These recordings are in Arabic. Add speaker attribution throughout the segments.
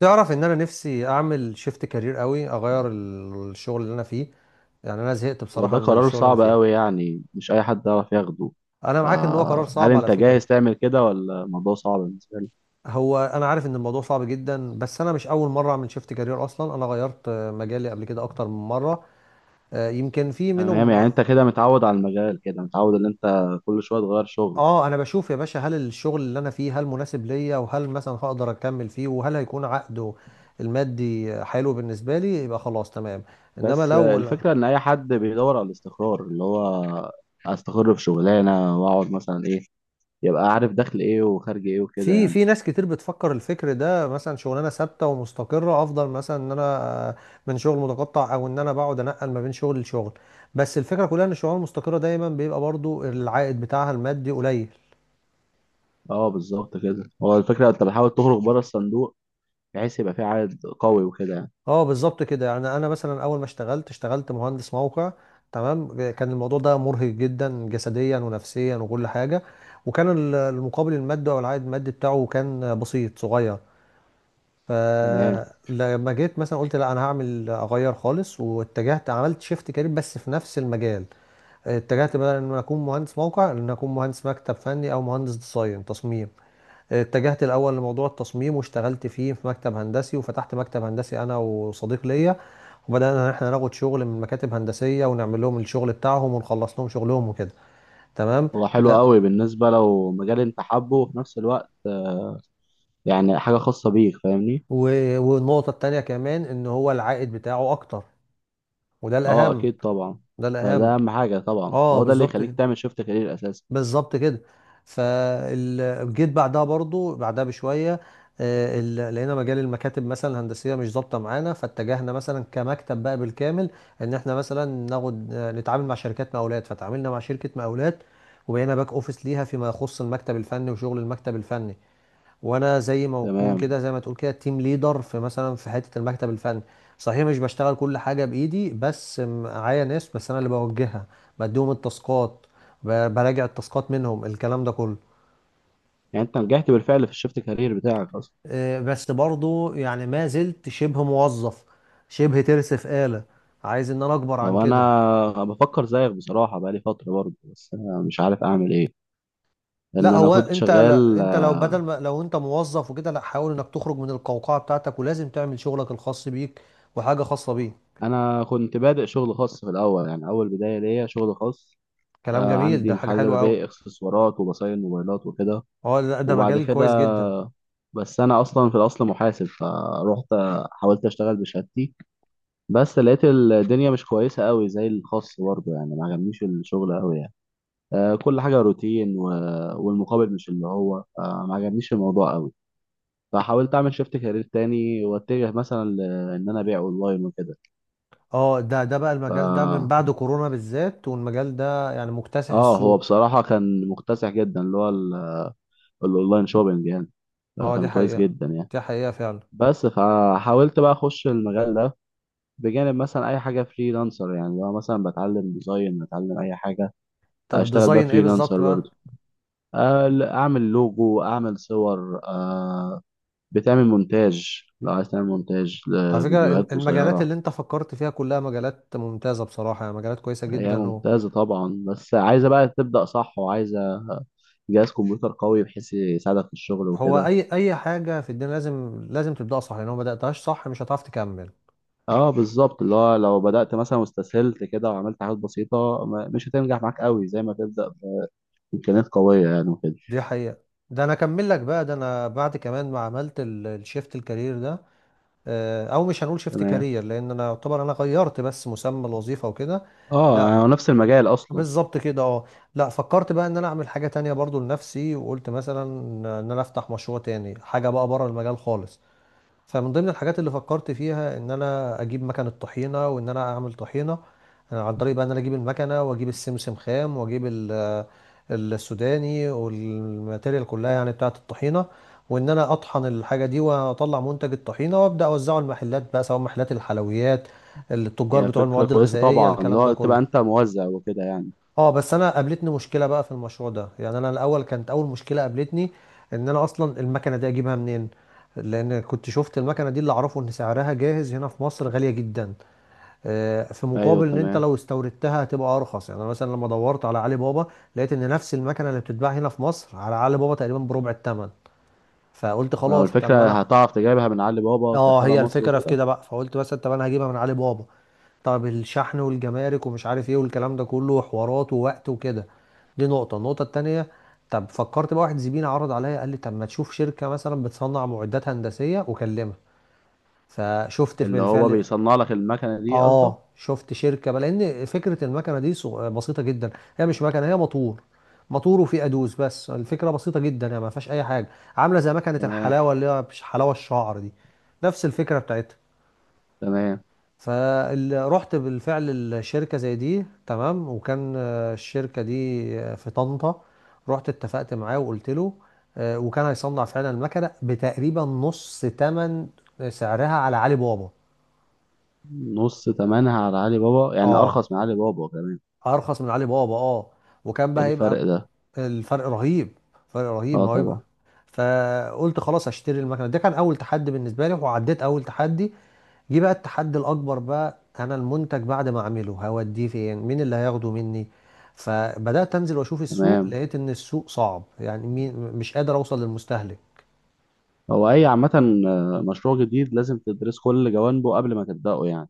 Speaker 1: تعرف ان انا نفسي اعمل شيفت كارير قوي، اغير الشغل اللي انا فيه. يعني انا زهقت
Speaker 2: هو ده
Speaker 1: بصراحه من
Speaker 2: قرار
Speaker 1: الشغل اللي انا
Speaker 2: صعب
Speaker 1: فيه.
Speaker 2: قوي، يعني مش اي حد يعرف ياخده.
Speaker 1: انا معاك ان هو قرار
Speaker 2: فهل
Speaker 1: صعب على
Speaker 2: انت
Speaker 1: فكره.
Speaker 2: جاهز تعمل كده ولا الموضوع صعب بالنسبه لك؟
Speaker 1: هو انا عارف ان الموضوع صعب جدا، بس انا مش اول مره اعمل شيفت كارير. اصلا انا غيرت مجالي قبل كده اكتر من مره. يمكن في
Speaker 2: تمام، يعني
Speaker 1: منهم.
Speaker 2: انت كده متعود على المجال، كده متعود ان انت كل شويه تغير شغل.
Speaker 1: اه، انا بشوف يا باشا، هل الشغل اللي انا فيه هل مناسب ليا، وهل مثلا هقدر اكمل فيه، وهل هيكون عقده المادي حلو بالنسبه لي يبقى خلاص تمام. انما
Speaker 2: بس
Speaker 1: لو
Speaker 2: الفكره ان اي حد بيدور على الاستقرار، اللي هو استقر في شغلانه واقعد مثلا ايه، يبقى عارف دخل ايه وخارج ايه وكده
Speaker 1: في
Speaker 2: يعني.
Speaker 1: في ناس كتير بتفكر الفكر ده، مثلا شغلانه ثابته ومستقره افضل مثلا ان انا آه، من شغل متقطع، او ان انا بقعد انقل ما بين شغل لشغل. بس الفكره كلها ان الشغلانه المستقره دايما بيبقى برضو العائد بتاعها المادي قليل.
Speaker 2: اه بالظبط كده، هو الفكره انت بتحاول تخرج بره الصندوق، بحيث يبقى في عائد قوي وكده يعني.
Speaker 1: اه، بالظبط كده. يعني انا مثلا اول ما اشتغلت، اشتغلت مهندس موقع. تمام. كان الموضوع ده مرهق جدا جسديا ونفسيا وكل حاجه، وكان المقابل المادي او العائد المادي بتاعه كان بسيط صغير.
Speaker 2: تمام،
Speaker 1: فلما جيت مثلا قلت لا، انا هعمل اغير خالص، واتجهت عملت شيفت كارير بس في نفس المجال. اتجهت بدل ان أنا اكون مهندس موقع، ان أنا اكون مهندس مكتب فني او مهندس ديزاين تصميم. اتجهت الاول لموضوع التصميم، واشتغلت فيه في مكتب هندسي، وفتحت مكتب هندسي انا وصديق ليا. وبدانا ان احنا ناخد شغل من مكاتب هندسيه، ونعمل لهم الشغل بتاعهم، ونخلص لهم شغلهم وكده. تمام.
Speaker 2: هو حلو
Speaker 1: ده
Speaker 2: قوي بالنسبه لو مجال انت حابه، وفي نفس الوقت يعني حاجة خاصة بيك، فاهمني.
Speaker 1: و- والنقطه التانيه كمان، ان هو العائد بتاعه اكتر. وده
Speaker 2: اه
Speaker 1: الاهم.
Speaker 2: اكيد طبعا.
Speaker 1: ده
Speaker 2: فده
Speaker 1: الاهم.
Speaker 2: اهم حاجة طبعا،
Speaker 1: اه،
Speaker 2: هو ده اللي
Speaker 1: بالظبط.
Speaker 2: يخليك تعمل شيفت كارير اساسا.
Speaker 1: بالظبط كده. فجيت بعدها برضو، بعدها بشويه. لقينا مجال المكاتب مثلا الهندسيه مش ظابطه معانا، فاتجهنا مثلا كمكتب بقى بالكامل، ان احنا مثلا ناخد آه، نتعامل مع شركات مقاولات، فتعاملنا مع شركه مقاولات. وبقينا باك اوفيس ليها فيما يخص المكتب الفني وشغل المكتب الفني. وانا زي ما اكون
Speaker 2: تمام،
Speaker 1: كده، زي ما تقول كده تيم ليدر، في مثلا في حته المكتب الفني. صحيح مش بشتغل كل حاجه بايدي، بس معايا ناس، بس انا اللي بوجهها. بديهم التاسكات، براجع التاسكات منهم، الكلام ده كله.
Speaker 2: يعني انت نجحت بالفعل في الشيفت كارير بتاعك اصلا.
Speaker 1: بس برضو يعني ما زلت شبه موظف، شبه ترس في آلة. عايز ان انا اكبر
Speaker 2: طب
Speaker 1: عن كده.
Speaker 2: انا بفكر زيك بصراحة، بقالي فترة برضه، بس انا مش عارف اعمل ايه، لان
Speaker 1: لا
Speaker 2: انا
Speaker 1: هو
Speaker 2: كنت
Speaker 1: انت لا
Speaker 2: شغال.
Speaker 1: انت لو بدل ما لو انت موظف وكده، لا، حاول انك تخرج من القوقعه بتاعتك، ولازم تعمل شغلك الخاص بيك، وحاجه خاصه بيك.
Speaker 2: انا كنت بادئ شغل خاص في الاول، يعني اول بداية ليا شغل خاص.
Speaker 1: كلام جميل،
Speaker 2: عندي
Speaker 1: ده حاجه
Speaker 2: محل
Speaker 1: حلوه
Speaker 2: ببيع
Speaker 1: قوي.
Speaker 2: اكسسوارات وبصاين موبايلات وكده.
Speaker 1: اه لا، ده
Speaker 2: وبعد
Speaker 1: مجال كويس
Speaker 2: كده،
Speaker 1: جدا.
Speaker 2: بس انا اصلا في الاصل محاسب، فروحت حاولت اشتغل بشهادتي، بس لقيت الدنيا مش كويسة قوي زي الخاص برضه، يعني ما عجبنيش الشغل قوي يعني. آه، كل حاجة روتين و... والمقابل مش اللي هو، ما عجبنيش الموضوع قوي. فحاولت اعمل شيفت كارير تاني، واتجه مثلا ل- ان انا ابيع اونلاين وكده.
Speaker 1: اه، ده بقى المجال ده من
Speaker 2: ف
Speaker 1: بعد كورونا بالذات، والمجال ده يعني مكتسح
Speaker 2: اه، هو
Speaker 1: السوق.
Speaker 2: بصراحة كان مكتسح جدا، اللي هو ال- الاونلاين شوبينج يعني.
Speaker 1: اه، دي
Speaker 2: كان كويس
Speaker 1: حقيقة.
Speaker 2: جدا يعني.
Speaker 1: دي حقيقة فعلا.
Speaker 2: بس فحاولت بقى اخش المجال ده، بجانب مثلا اي حاجه فريلانسر، يعني لو مثلا بتعلم ديزاين، بتعلم اي حاجه،
Speaker 1: طب
Speaker 2: اشتغل بقى
Speaker 1: ديزاين ايه بالظبط
Speaker 2: فريلانسر.
Speaker 1: بقى؟
Speaker 2: اعمل لوجو، اعمل صور، بتعمل مونتاج، لو عايز تعمل مونتاج
Speaker 1: على فكرة،
Speaker 2: لفيديوهات
Speaker 1: المجالات
Speaker 2: قصيرة.
Speaker 1: اللي انت فكرت فيها كلها مجالات ممتازة بصراحة، يعني مجالات كويسة
Speaker 2: هي
Speaker 1: جدا. هو،
Speaker 2: ممتازة طبعا، بس عايزة بقى تبدأ صح، وعايزة جهاز كمبيوتر قوي بحيث يساعدك في الشغل
Speaker 1: هو
Speaker 2: وكده.
Speaker 1: اي حاجة في الدنيا لازم لازم تبدأها صح، لو ما بدأتهاش صح مش هتعرف تكمل.
Speaker 2: اه بالظبط، اللي هو لو بدأت مثلا واستسهلت كده وعملت حاجات بسيطة، ما- مش هتنجح معاك قوي زي ما تبدأ بإمكانيات قوية يعني وكده.
Speaker 1: دي حقيقة. ده انا اكمل لك بقى، ده انا بعد كمان ما عملت الشيفت الكارير ده، او مش هنقول شيفت
Speaker 2: تمام.
Speaker 1: كارير لان انا يعتبر انا غيرت بس مسمى الوظيفه وكده.
Speaker 2: اه
Speaker 1: لا.
Speaker 2: يعني هو نفس المجال أصلا.
Speaker 1: بالظبط كده، اه. لا، فكرت بقى ان انا اعمل حاجه تانية برضو لنفسي، وقلت مثلا ان انا افتح مشروع تاني، حاجه بقى بره المجال خالص. فمن ضمن الحاجات اللي فكرت فيها ان انا اجيب مكنه طحينه وان انا اعمل طحينه، عن طريق بقى ان انا اجيب المكنه واجيب السمسم خام، واجيب السوداني والماتيريال كلها يعني بتاعه الطحينه. وان انا اطحن الحاجه دي واطلع منتج الطحينه، وابدا اوزعه المحلات بقى، سواء محلات الحلويات، التجار
Speaker 2: هي
Speaker 1: بتوع
Speaker 2: فكرة
Speaker 1: المواد
Speaker 2: كويسة
Speaker 1: الغذائيه،
Speaker 2: طبعا، اللي
Speaker 1: الكلام ده
Speaker 2: هو
Speaker 1: كله.
Speaker 2: تبقى أنت موزع وكده يعني.
Speaker 1: اه، بس انا قابلتني مشكله بقى في المشروع ده، يعني انا الاول كانت اول مشكله قابلتني ان انا اصلا المكنه دي اجيبها منين، لان كنت شفت المكنه دي اللي اعرفه ان سعرها جاهز هنا في مصر غاليه جدا، في
Speaker 2: أيوه
Speaker 1: مقابل ان انت
Speaker 2: تمام.
Speaker 1: لو استوردتها هتبقى ارخص. يعني انا مثلا لما دورت على علي بابا، لقيت ان نفس المكنه اللي بتتباع هنا في مصر، على علي بابا تقريبا بربع الثمن. فقلت
Speaker 2: ما هو
Speaker 1: خلاص، طب ما
Speaker 2: الفكرة
Speaker 1: انا،
Speaker 2: هتعرف تجيبها من علي بابا
Speaker 1: اه،
Speaker 2: كخالة
Speaker 1: هي
Speaker 2: مصر
Speaker 1: الفكره في
Speaker 2: وكده.
Speaker 1: كده بقى. فقلت مثلا طب انا هجيبها من علي بابا. طب الشحن والجمارك ومش عارف ايه، والكلام ده كله حوارات ووقت وكده، دي النقطة التانية. طب فكرت بقى، واحد زميلي عرض عليا قال لي طب ما تشوف شركة مثلا بتصنع معدات هندسية وكلمها. فشفت
Speaker 2: اللي هو
Speaker 1: بالفعل.
Speaker 2: بيصنع لك المكنة دي قصدك.
Speaker 1: اه، شفت شركة بقى، لان فكرة المكنة دي بسيطة جدا. هي مش مكنة، هي موتور. موتور وفيه ادوس، بس الفكرة بسيطة جدا يعني ما فيهاش اي حاجة. عاملة زي مكنة
Speaker 2: تمام.
Speaker 1: الحلاوة، اللي هي مش حلاوة الشعر دي، نفس الفكرة بتاعتها.
Speaker 2: تمام.
Speaker 1: فرحت بالفعل الشركة زي دي تمام، وكان الشركة دي في طنطا. رحت اتفقت معاه وقلت له، وكان هيصنع فعلا المكنة بتقريبا نص تمن سعرها على علي بابا.
Speaker 2: نص تمنها على علي بابا؟ يعني
Speaker 1: اه،
Speaker 2: أرخص من علي بابا كمان.
Speaker 1: ارخص من علي بابا، اه. وكان
Speaker 2: إيه
Speaker 1: بقى يبقى،
Speaker 2: الفرق ده؟
Speaker 1: الفرق رهيب. فرق رهيب
Speaker 2: أه
Speaker 1: ما هو، يبقى
Speaker 2: طبعا.
Speaker 1: فقلت خلاص هشتري المكنه. ده كان اول تحدي بالنسبه لي، وعديت اول تحدي. جه بقى التحدي الأكبر، بقى أنا المنتج بعد ما أعمله هوديه فين، مين اللي هياخده مني. فبدأت أنزل وأشوف السوق،
Speaker 2: تمام.
Speaker 1: لقيت إن السوق صعب، يعني مين، مش قادر أوصل للمستهلك.
Speaker 2: هو أي عامة، مشروع جديد لازم تدرس كل جوانبه قبل ما تبدأه يعني،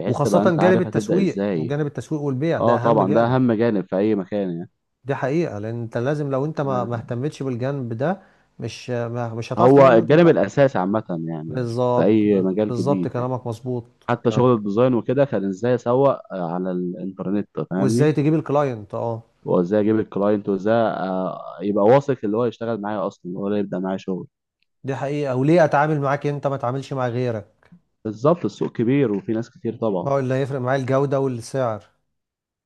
Speaker 2: بحيث تبقى
Speaker 1: وخاصة
Speaker 2: أنت عارف هتبدأ إزاي.
Speaker 1: جانب التسويق والبيع ده
Speaker 2: أه
Speaker 1: أهم
Speaker 2: طبعا، ده
Speaker 1: جانب.
Speaker 2: أهم جانب في أي مكان يعني.
Speaker 1: دي حقيقة، لأن أنت لو أنت ما
Speaker 2: تمام.
Speaker 1: اهتمتش بالجانب ده مش هتعرف
Speaker 2: هو
Speaker 1: تبيع المنتج
Speaker 2: الجانب
Speaker 1: بتاعك.
Speaker 2: الأساسي عامة يعني، في
Speaker 1: بالظبط،
Speaker 2: أي مجال
Speaker 1: بالظبط
Speaker 2: جديد يعني.
Speaker 1: كلامك مظبوط.
Speaker 2: حتى
Speaker 1: كلام.
Speaker 2: شغل الديزاين وكده، كان ازاي اسوق على الانترنت،
Speaker 1: وإزاي
Speaker 2: فاهمني.
Speaker 1: تجيب الكلاينت، أه.
Speaker 2: وازاي اجيب الكلاينت، وازاي يبقى واثق اللي هو يشتغل معايا اصلا، هو اللي يبدا معايا شغل.
Speaker 1: دي حقيقة، وليه أتعامل معاك أنت ما تعاملش مع غيرك.
Speaker 2: بالظبط، السوق كبير وفي ناس كتير طبعا.
Speaker 1: اه، اللي هيفرق معايا الجودة والسعر.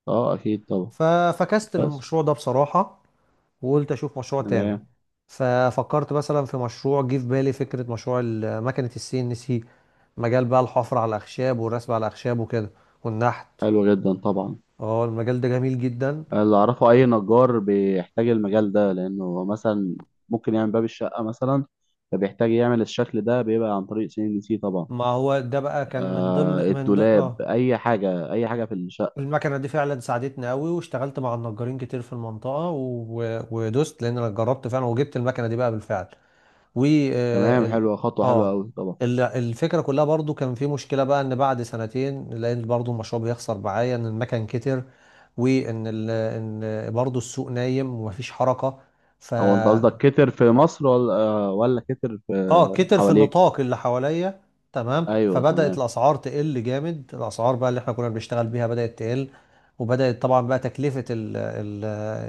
Speaker 2: اه اكيد طبعا.
Speaker 1: ففكست
Speaker 2: بس.
Speaker 1: للمشروع ده بصراحة، وقلت أشوف مشروع تاني.
Speaker 2: تمام.
Speaker 1: ففكرت مثلا في مشروع، جه في بالي فكرة مشروع مكنة السي ان سي، مجال بقى الحفر على الأخشاب والرسم على الأخشاب وكده، والنحت.
Speaker 2: حلو جدا طبعا.
Speaker 1: اه، المجال ده جميل جدا.
Speaker 2: اللي اعرفه اي نجار بيحتاج المجال ده، لانه مثلا ممكن يعمل باب الشقه مثلا، فبيحتاج يعمل الشكل ده، بيبقى عن طريق سي ان سي طبعا.
Speaker 1: ما هو ده بقى كان من ضمن،
Speaker 2: آه، الدولاب،
Speaker 1: اه،
Speaker 2: اي حاجه، اي حاجه في الشقه.
Speaker 1: المكنة دي فعلا ساعدتني قوي، واشتغلت مع النجارين كتير في المنطقة. و... ودوست لأن أنا جربت فعلا، وجبت المكنة دي بقى بالفعل. و
Speaker 2: تمام، حلوه، خطوه حلوه
Speaker 1: آه،
Speaker 2: قوي طبعا.
Speaker 1: الفكرة كلها برضو كان في مشكلة بقى، إن بعد سنتين، لأن برضو المشروع بيخسر معايا، إن المكن كتر، وإن إن برضو السوق نايم ومفيش حركة. ف،
Speaker 2: هو انت قصدك كتر في مصر، ولا ولا كتر في
Speaker 1: اه كتر في
Speaker 2: حواليك؟
Speaker 1: النطاق اللي حواليا. تمام.
Speaker 2: ايوه
Speaker 1: فبدأت
Speaker 2: تمام.
Speaker 1: الأسعار تقل جامد، الأسعار بقى اللي احنا كنا بنشتغل بيها بدأت تقل، وبدأت طبعا بقى تكلفة ال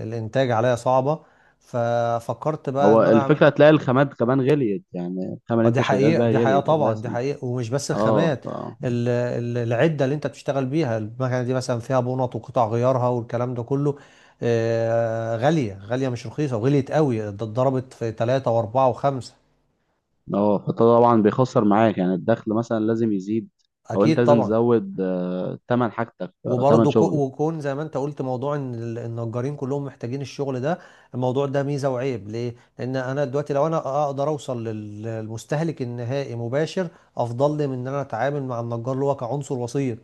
Speaker 1: الإنتاج عليا صعبة. ففكرت بقى
Speaker 2: هو
Speaker 1: إن أنا أعمل،
Speaker 2: الفكره هتلاقي الخامات كمان غليت، يعني الخامه اللي
Speaker 1: دي
Speaker 2: انت شغال
Speaker 1: حقيقة.
Speaker 2: بيها
Speaker 1: دي حقيقة
Speaker 2: غليت
Speaker 1: طبعا. دي
Speaker 2: اساسا.
Speaker 1: حقيقة. ومش بس
Speaker 2: اه
Speaker 1: الخامات،
Speaker 2: ف
Speaker 1: العدة اللي أنت بتشتغل بيها، المكنة دي مثلا فيها بونط وقطع غيارها والكلام ده كله، غالية غالية، مش رخيصة، وغليت قوي، ده اتضربت في ثلاثة وأربعة وخمسة.
Speaker 2: اه، فطبعا بيخسر معاك، يعني الدخل مثلا لازم يزيد، او انت
Speaker 1: أكيد
Speaker 2: لازم
Speaker 1: طبعا.
Speaker 2: تزود تمن حاجتك، تمن
Speaker 1: وبرضه
Speaker 2: شغلك.
Speaker 1: وكون زي ما انت قلت، موضوع ان النجارين كلهم محتاجين الشغل ده، الموضوع ده ميزه وعيب. ليه؟ لان انا دلوقتي لو انا اقدر اوصل للمستهلك النهائي مباشر، افضل لي من ان انا اتعامل مع النجار اللي هو كعنصر وسيط.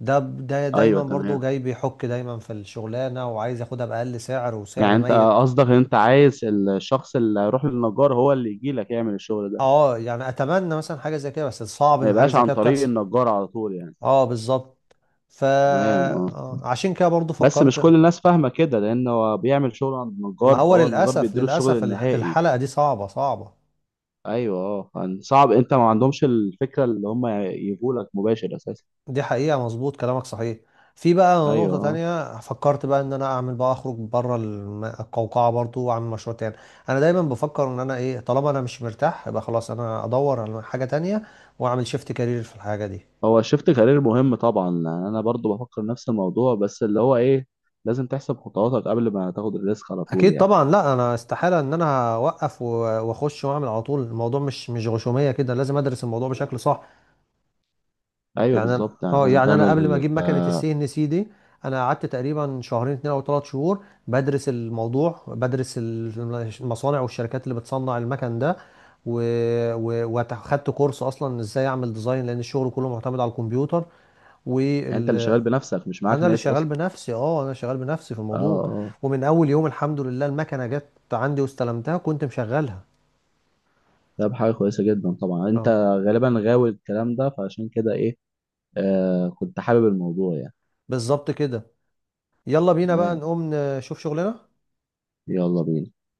Speaker 1: ده دايما
Speaker 2: ايوه
Speaker 1: برضه
Speaker 2: تمام.
Speaker 1: جاي بيحك دايما في الشغلانه، وعايز ياخدها باقل سعر
Speaker 2: يعني
Speaker 1: وسعر
Speaker 2: انت
Speaker 1: ميت.
Speaker 2: قصدك ان انت عايز الشخص اللي هيروح للنجار هو اللي يجي لك يعمل الشغل ده،
Speaker 1: اه، يعني اتمنى مثلا حاجه زي كده، بس صعب
Speaker 2: ما
Speaker 1: ان حاجه
Speaker 2: يبقاش
Speaker 1: زي
Speaker 2: عن
Speaker 1: كده
Speaker 2: طريق
Speaker 1: بتحصل.
Speaker 2: النجار على طول يعني.
Speaker 1: اه، بالظبط. ف
Speaker 2: تمام اه.
Speaker 1: آه، عشان كده برضه
Speaker 2: بس مش كل
Speaker 1: فكرت.
Speaker 2: الناس فاهمة كده، لأن هو بيعمل شغل عند
Speaker 1: ما
Speaker 2: النجار،
Speaker 1: هو
Speaker 2: فهو النجار
Speaker 1: للأسف،
Speaker 2: بيديله الشغل
Speaker 1: للأسف
Speaker 2: النهائي.
Speaker 1: الحلقة دي صعبة صعبة.
Speaker 2: أيوه أه، يعني صعب أنت ما عندهمش الفكرة اللي هم يجولك مباشر أساسا.
Speaker 1: دي حقيقة، مظبوط كلامك، صحيح. في بقى
Speaker 2: أيوه
Speaker 1: نقطة
Speaker 2: أه.
Speaker 1: تانية، فكرت بقى إن أنا أعمل بقى أخرج بره القوقعة برضو، وأعمل مشروع تاني. أنا دايما بفكر إن أنا إيه، طالما أنا مش مرتاح يبقى خلاص أنا أدور على حاجة تانية، وأعمل شيفت كارير في الحاجة دي.
Speaker 2: هو شفت كارير مهم طبعا، يعني أنا برضو بفكر نفس الموضوع، بس اللي هو إيه، لازم تحسب خطواتك قبل ما تاخد الريسك على طول
Speaker 1: أكيد
Speaker 2: يعني.
Speaker 1: طبعا. لا أنا استحالة إن أنا أوقف وأخش وأعمل على طول، الموضوع مش غشومية كده، لازم أدرس الموضوع بشكل صح.
Speaker 2: أيوه
Speaker 1: يعني انا،
Speaker 2: بالظبط، يعني
Speaker 1: اه،
Speaker 2: لازم
Speaker 1: يعني انا قبل ما
Speaker 2: تعمل.
Speaker 1: اجيب مكنه السي ان سي دي، انا قعدت تقريبا شهرين اتنين او 3 شهور بدرس الموضوع، بدرس المصانع والشركات اللي بتصنع المكن ده، و، و، وخدت كورس اصلا ازاي اعمل ديزاين، لان الشغل كله معتمد على الكمبيوتر،
Speaker 2: يعني أنت اللي
Speaker 1: وال،
Speaker 2: شغال بنفسك، مش معاك
Speaker 1: انا اللي
Speaker 2: ناس
Speaker 1: شغال
Speaker 2: أصلا؟
Speaker 1: بنفسي، اه انا شغال بنفسي في
Speaker 2: أه
Speaker 1: الموضوع.
Speaker 2: أه،
Speaker 1: ومن اول يوم الحمد لله المكنه جت عندي واستلمتها، كنت مشغلها.
Speaker 2: ده حاجة كويسة جدا طبعا. أنت
Speaker 1: اه،
Speaker 2: غالبا غاوي الكلام ده، فعشان كده إيه، كنت حابب الموضوع يعني.
Speaker 1: بالظبط كده. يلا بينا بقى
Speaker 2: تمام،
Speaker 1: نقوم نشوف شغلنا.
Speaker 2: يلا بينا.